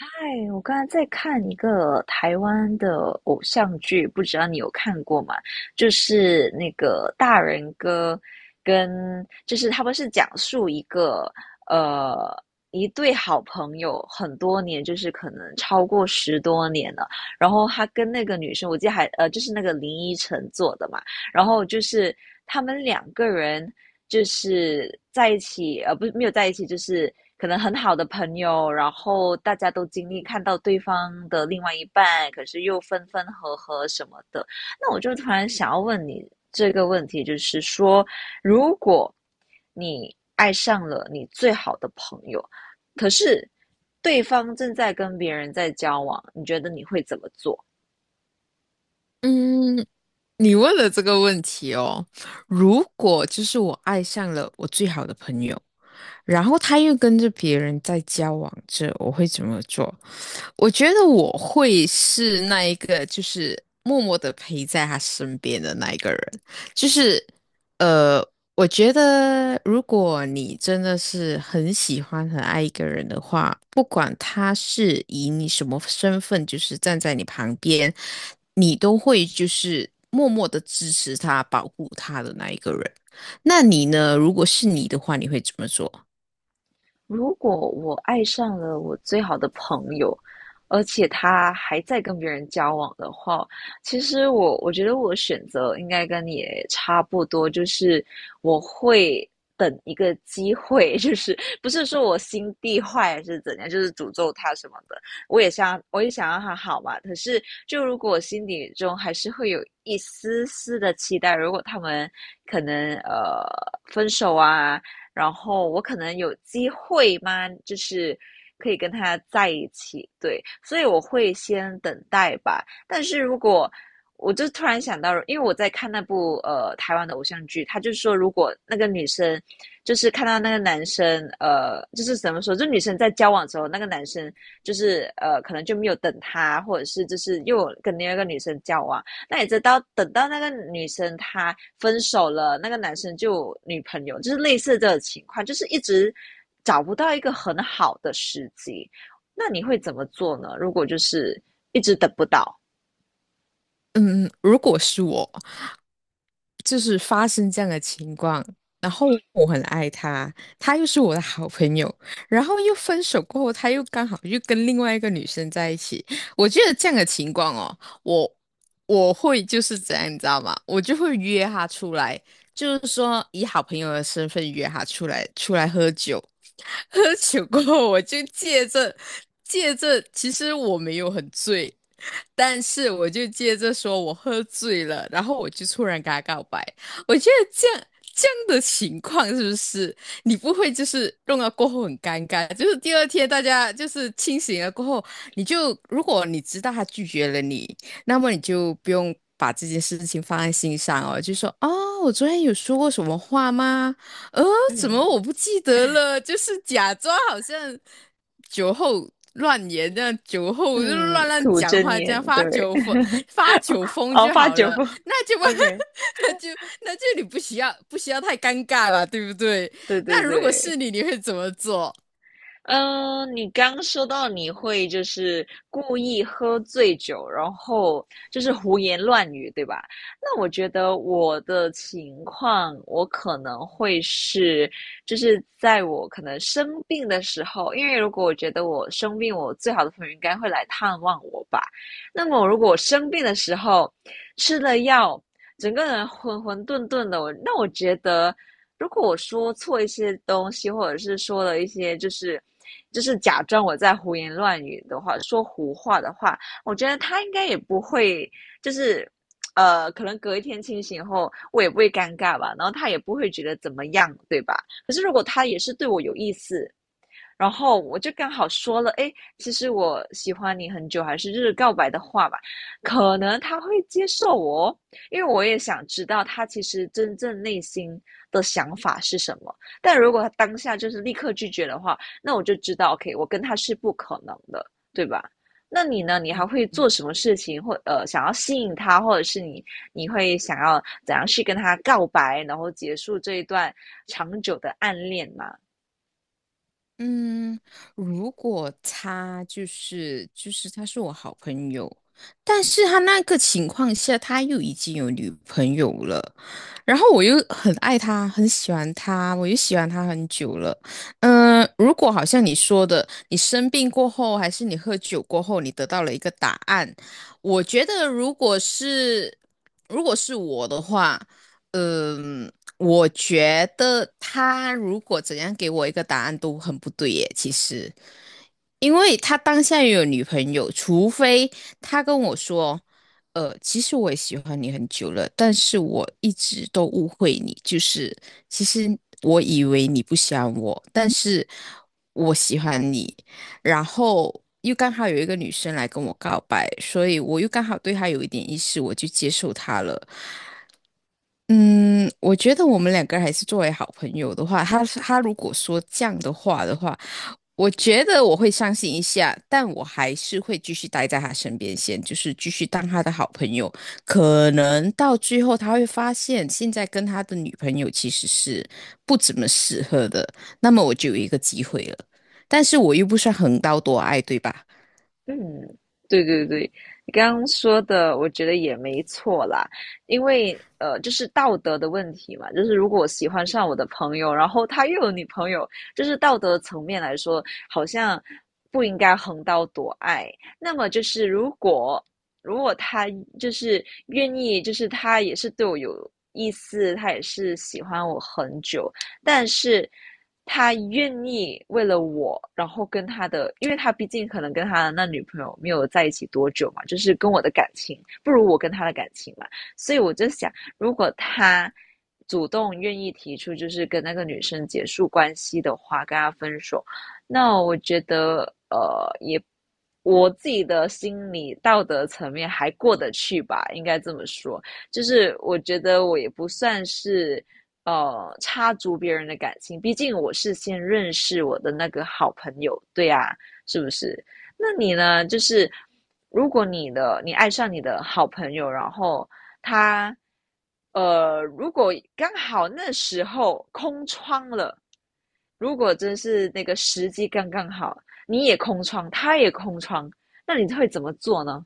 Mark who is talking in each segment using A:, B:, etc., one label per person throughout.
A: 哎，我刚才在看一个台湾的偶像剧，不知道你有看过吗？就是那个大人哥跟，就是他们是讲述一个呃一对好朋友很多年，就是可能超过10多年了。然后他跟那个女生，我记得还就是那个林依晨做的嘛，然后就是他们两个人就是在一起，不是没有在一起，就是可能很好的朋友，然后大家都经历看到对方的另外一半，可是又分分合合什么的。那我就突然想要问你这个问题，就是说，如果你爱上了你最好的朋友，可是对方正在跟别人在交往，你觉得你会怎么做？
B: 嗯，你问了这个问题哦。如果就是我爱上了我最好的朋友，然后他又跟着别人在交往着，我会怎么做？我觉得我会是那一个，就是默默的陪在他身边的那一个人。就是呃，我觉得如果你真的是很喜欢、很爱一个人的话，不管他是以你什么身份，就是站在你旁边，你都会就是默默的支持他、保护他的那一个人。那你呢？如果是你的话，你会怎么做？
A: 如果我爱上了我最好的朋友，而且他还在跟别人交往的话，其实我觉得我选择应该跟你也差不多，就是我会等一个机会，就是不是说我心地坏还是怎样，就是诅咒他什么的，我也想让他好嘛。可是就如果我心底中还是会有一丝丝的期待，如果他们可能分手啊。然后我可能有机会吗？就是可以跟他在一起，对，所以我会先等待吧。但是如果我就突然想到，因为我在看那部台湾的偶像剧，他就说，如果那个女生就是看到那个男生，呃，就是怎么说，就女生在交往的时候，那个男生就是可能就没有等她，或者是就是又跟另外一个女生交往，那也知道，等到那个女生她分手了，那个男生就有女朋友，就是类似这种情况，就是一直找不到一个很好的时机。那你会怎么做呢？如果就是一直等不到，
B: 嗯，如果是我，就是发生这样的情况，然后我很爱他，他又是我的好朋友，然后又分手过后，他又刚好又跟另外一个女生在一起，我觉得这样的情况哦，我我会就是怎样，你知道吗？我就会约他出来，就是说以好朋友的身份约他出来，出来喝酒，喝酒过后，我就借着，其实我没有很醉，但是我就借着说我喝醉了，然后我就突然跟他告白。我觉得这样的情况是不是你不会就是弄到过后很尴尬？就是第二天大家就是清醒了过后，你就如果你知道他拒绝了你，那么你就不用，把这件事情放在心上哦，就说哦，我昨天有说过什么话吗？呃，怎么
A: 嗯
B: 我不记得了？就是假装好像酒后乱言，这样酒后就
A: 嗯，
B: 乱乱
A: 吐
B: 讲
A: 真
B: 话，这
A: 言，
B: 样发
A: 对，
B: 酒疯，发酒疯
A: 哦，
B: 就
A: 发
B: 好
A: 酒
B: 了。
A: 疯
B: 那就不，
A: ，OK，
B: 那就那就你不需要太尴尬了，对不对？
A: 对对
B: 那如果
A: 对，
B: 是你，你会怎么做？
A: 嗯，你刚说到你会就是故意喝醉酒，然后就是胡言乱语，对吧？那我觉得我的情况，我可能会是，就是在我可能生病的时候，因为如果我觉得我生病，我最好的朋友应该会来探望我吧。那么如果我生病的时候吃了药，整个人浑浑沌沌的，我那我觉得。如果我说错一些东西，或者是说了一些就是假装我在胡言乱语的话，说胡话的话，我觉得他应该也不会，就是可能隔一天清醒后，我也不会尴尬吧，然后他也不会觉得怎么样，对吧？可是如果他也是对我有意思，然后我就刚好说了，哎，其实我喜欢你很久，还是就是告白的话吧，可能他会接受我哦，因为我也想知道他其实真正内心的想法是什么。但如果他当下就是立刻拒绝的话，那我就知道，OK，我跟他是不可能的，对吧？那你呢？你还会做
B: 嗯
A: 什么事情，或想要吸引他，或者是你你会想要怎样去跟他告白，然后结束这一段长久的暗恋吗？
B: 嗯，如果他就是他是我好朋友，但是他那个情况下他又已经有女朋友了，然后我又很爱他，很喜欢他，我又喜欢他很久了。嗯，如果好像你说的，你生病过后，还是你喝酒过后，你得到了一个答案，我觉得如果是我的话。嗯，我觉得他如果怎样给我一个答案都很不对耶，其实，因为他当下也有女朋友，除非他跟我说，其实我也喜欢你很久了，但是我一直都误会你，就是其实我以为你不喜欢我，但是我喜欢你，然后又刚好有一个女生来跟我告白，所以我又刚好对她有一点意思，我就接受她了。嗯，我觉得我们两个还是作为好朋友的话，他如果说这样的话，我觉得我会伤心一下，但我还是会继续待在他身边先，就是继续当他的好朋友。可能到最后他会发现，现在跟他的女朋友其实是不怎么适合的，那么我就有一个机会了。但是我又不算横刀夺爱，对吧？
A: 嗯，对对对，你刚刚说的，我觉得也没错啦，因为就是道德的问题嘛，就是如果我喜欢上我的朋友，然后他又有女朋友，就是道德层面来说，好像不应该横刀夺爱。那么就是如果如果他就是愿意，就是他也是对我有意思，他也是喜欢我很久，但是他愿意为了我，然后跟他的，因为他毕竟可能跟他的那女朋友没有在一起多久嘛，就是跟我的感情不如我跟他的感情嘛，所以我就想，如果他主动愿意提出就是跟那个女生结束关系的话，跟他分手，那我觉得也。我自己的心理道德层面还过得去吧，应该这么说。就是我觉得我也不算是插足别人的感情，毕竟我是先认识我的那个好朋友，对啊，是不是？那你呢？就是如果你的你爱上你的好朋友，然后他如果刚好那时候空窗了，如果真是那个时机刚刚好，你也空窗，他也空窗，那你会怎么做呢？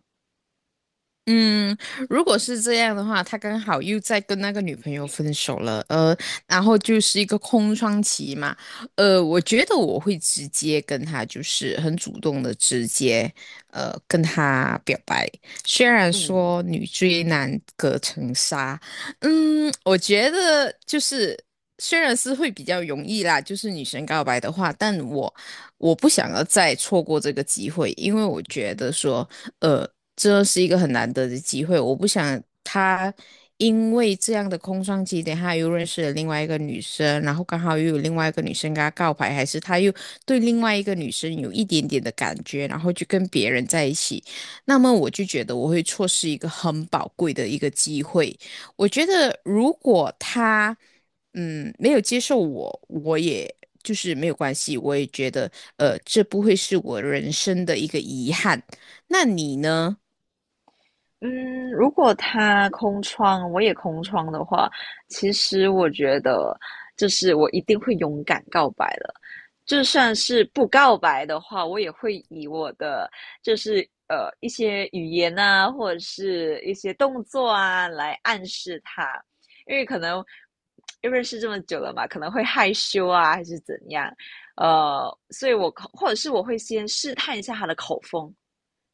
B: 嗯，如果是这样的话，他刚好又在跟那个女朋友分手了，然后就是一个空窗期嘛，我觉得我会直接跟他，就是很主动的直接，跟他表白。虽然
A: 嗯。
B: 说女追男隔层纱，嗯，我觉得就是虽然是会比较容易啦，就是女生告白的话，但我。我不想要再错过这个机会，因为我觉得说，呃，这是一个很难得的机会，我不想他因为这样的空窗期，等他又认识了另外一个女生，然后刚好又有另外一个女生跟他告白，还是他又对另外一个女生有一点点的感觉，然后就跟别人在一起，那么我就觉得我会错失一个很宝贵的一个机会。我觉得如果他。嗯，没有接受我，我也就是没有关系，我也觉得，这不会是我人生的一个遗憾。那你呢？
A: 嗯，如果他空窗，我也空窗的话，其实我觉得就是我一定会勇敢告白的。就算是不告白的话，我也会以我的就是一些语言啊，或者是一些动作啊来暗示他，因为可能因为认识这么久了嘛，可能会害羞啊，还是怎样，呃，所以我可或者是我会先试探一下他的口风。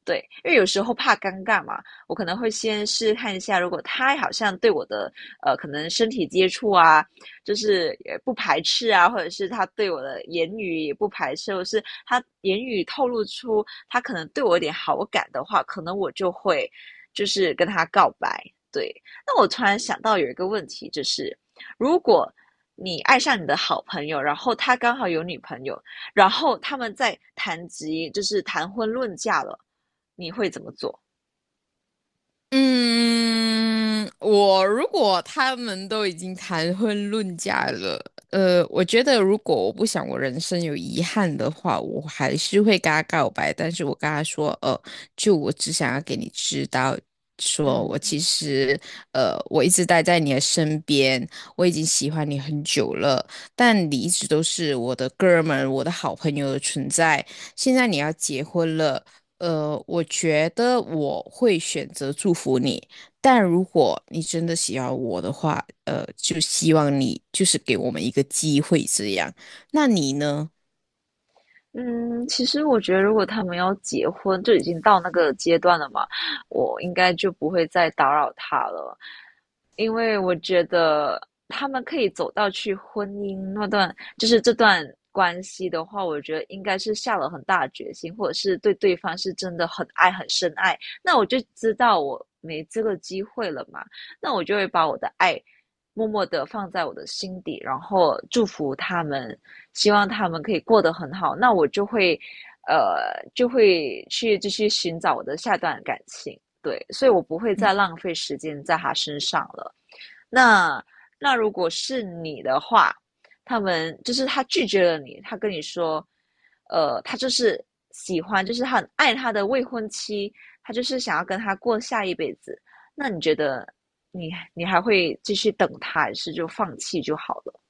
A: 对，因为有时候怕尴尬嘛，我可能会先试试看一下，如果他好像对我的可能身体接触啊，就是也不排斥啊，或者是他对我的言语也不排斥，或者是他言语透露出他可能对我有点好感的话，可能我就会就是跟他告白。对，那我突然想到有一个问题，就是如果你爱上你的好朋友，然后他刚好有女朋友，然后他们在谈及就是谈婚论嫁了。你会怎么做？
B: 嗯，我如果他们都已经谈婚论嫁了，我觉得如果我不想我人生有遗憾的话，我还是会跟他告白，但是我跟他说，就我只想要给你知道，说
A: 嗯
B: 我其实，我一直待在你的身边，我已经喜欢你很久了，但你一直都是我的哥们儿我的好朋友的存在，现在你要结婚了。我觉得我会选择祝福你，但如果你真的喜欢我的话，就希望你就是给我们一个机会这样。那你呢？
A: 嗯，其实我觉得，如果他们要结婚，就已经到那个阶段了嘛，我应该就不会再打扰他了，因为我觉得他们可以走到去婚姻那段，就是这段关系的话，我觉得应该是下了很大的决心，或者是对对方是真的很爱、很深爱。那我就知道我没这个机会了嘛，那我就会把我的爱默默的放在我的心底，然后祝福他们希望他们可以过得很好，那我就会，呃，就会去继续寻找我的下段感情，对，所以我不会
B: 嗯
A: 再浪费时间在他身上了。那那如果是你的话，他们就是他拒绝了你，他跟你说，他就是喜欢，就是他很爱他的未婚妻，他就是想要跟他过下一辈子。那你觉得你你还会继续等他，还是就放弃就好了？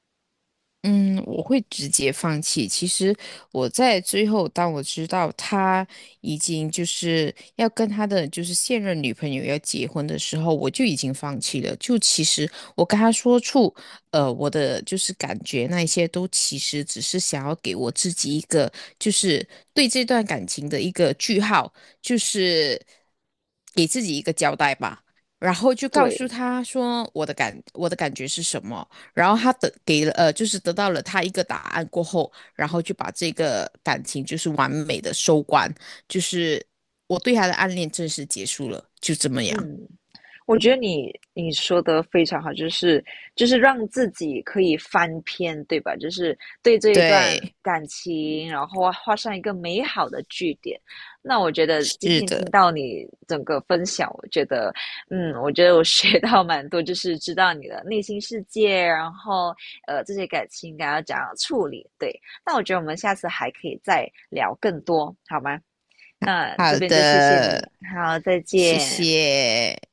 B: 嗯，我会直接放弃。其实我在最后，当我知道他已经就是要跟他的就是现任女朋友要结婚的时候，我就已经放弃了。就其实我跟他说出，我的就是感觉那一些都其实只是想要给我自己一个就是对这段感情的一个句号，就是给自己一个交代吧。然后就告诉
A: 对，
B: 他说我的感觉是什么。然后他得给了呃，就是得到了他一个答案过后，然后就把这个感情就是完美的收官，就是我对他的暗恋正式结束了，就这么样。
A: 嗯。我觉得你你说的非常好，就是就是让自己可以翻篇，对吧？就是对这一段
B: 对，
A: 感情，然后画上一个美好的句点。那我觉得今
B: 是
A: 天听
B: 的，
A: 到你整个分享，我觉得，嗯，我觉得我学到蛮多，就是知道你的内心世界，然后这些感情应该要怎样处理。对，那我觉得我们下次还可以再聊更多，好吗？那这
B: 好
A: 边就谢谢你，
B: 的，
A: 好，再
B: 谢
A: 见。
B: 谢。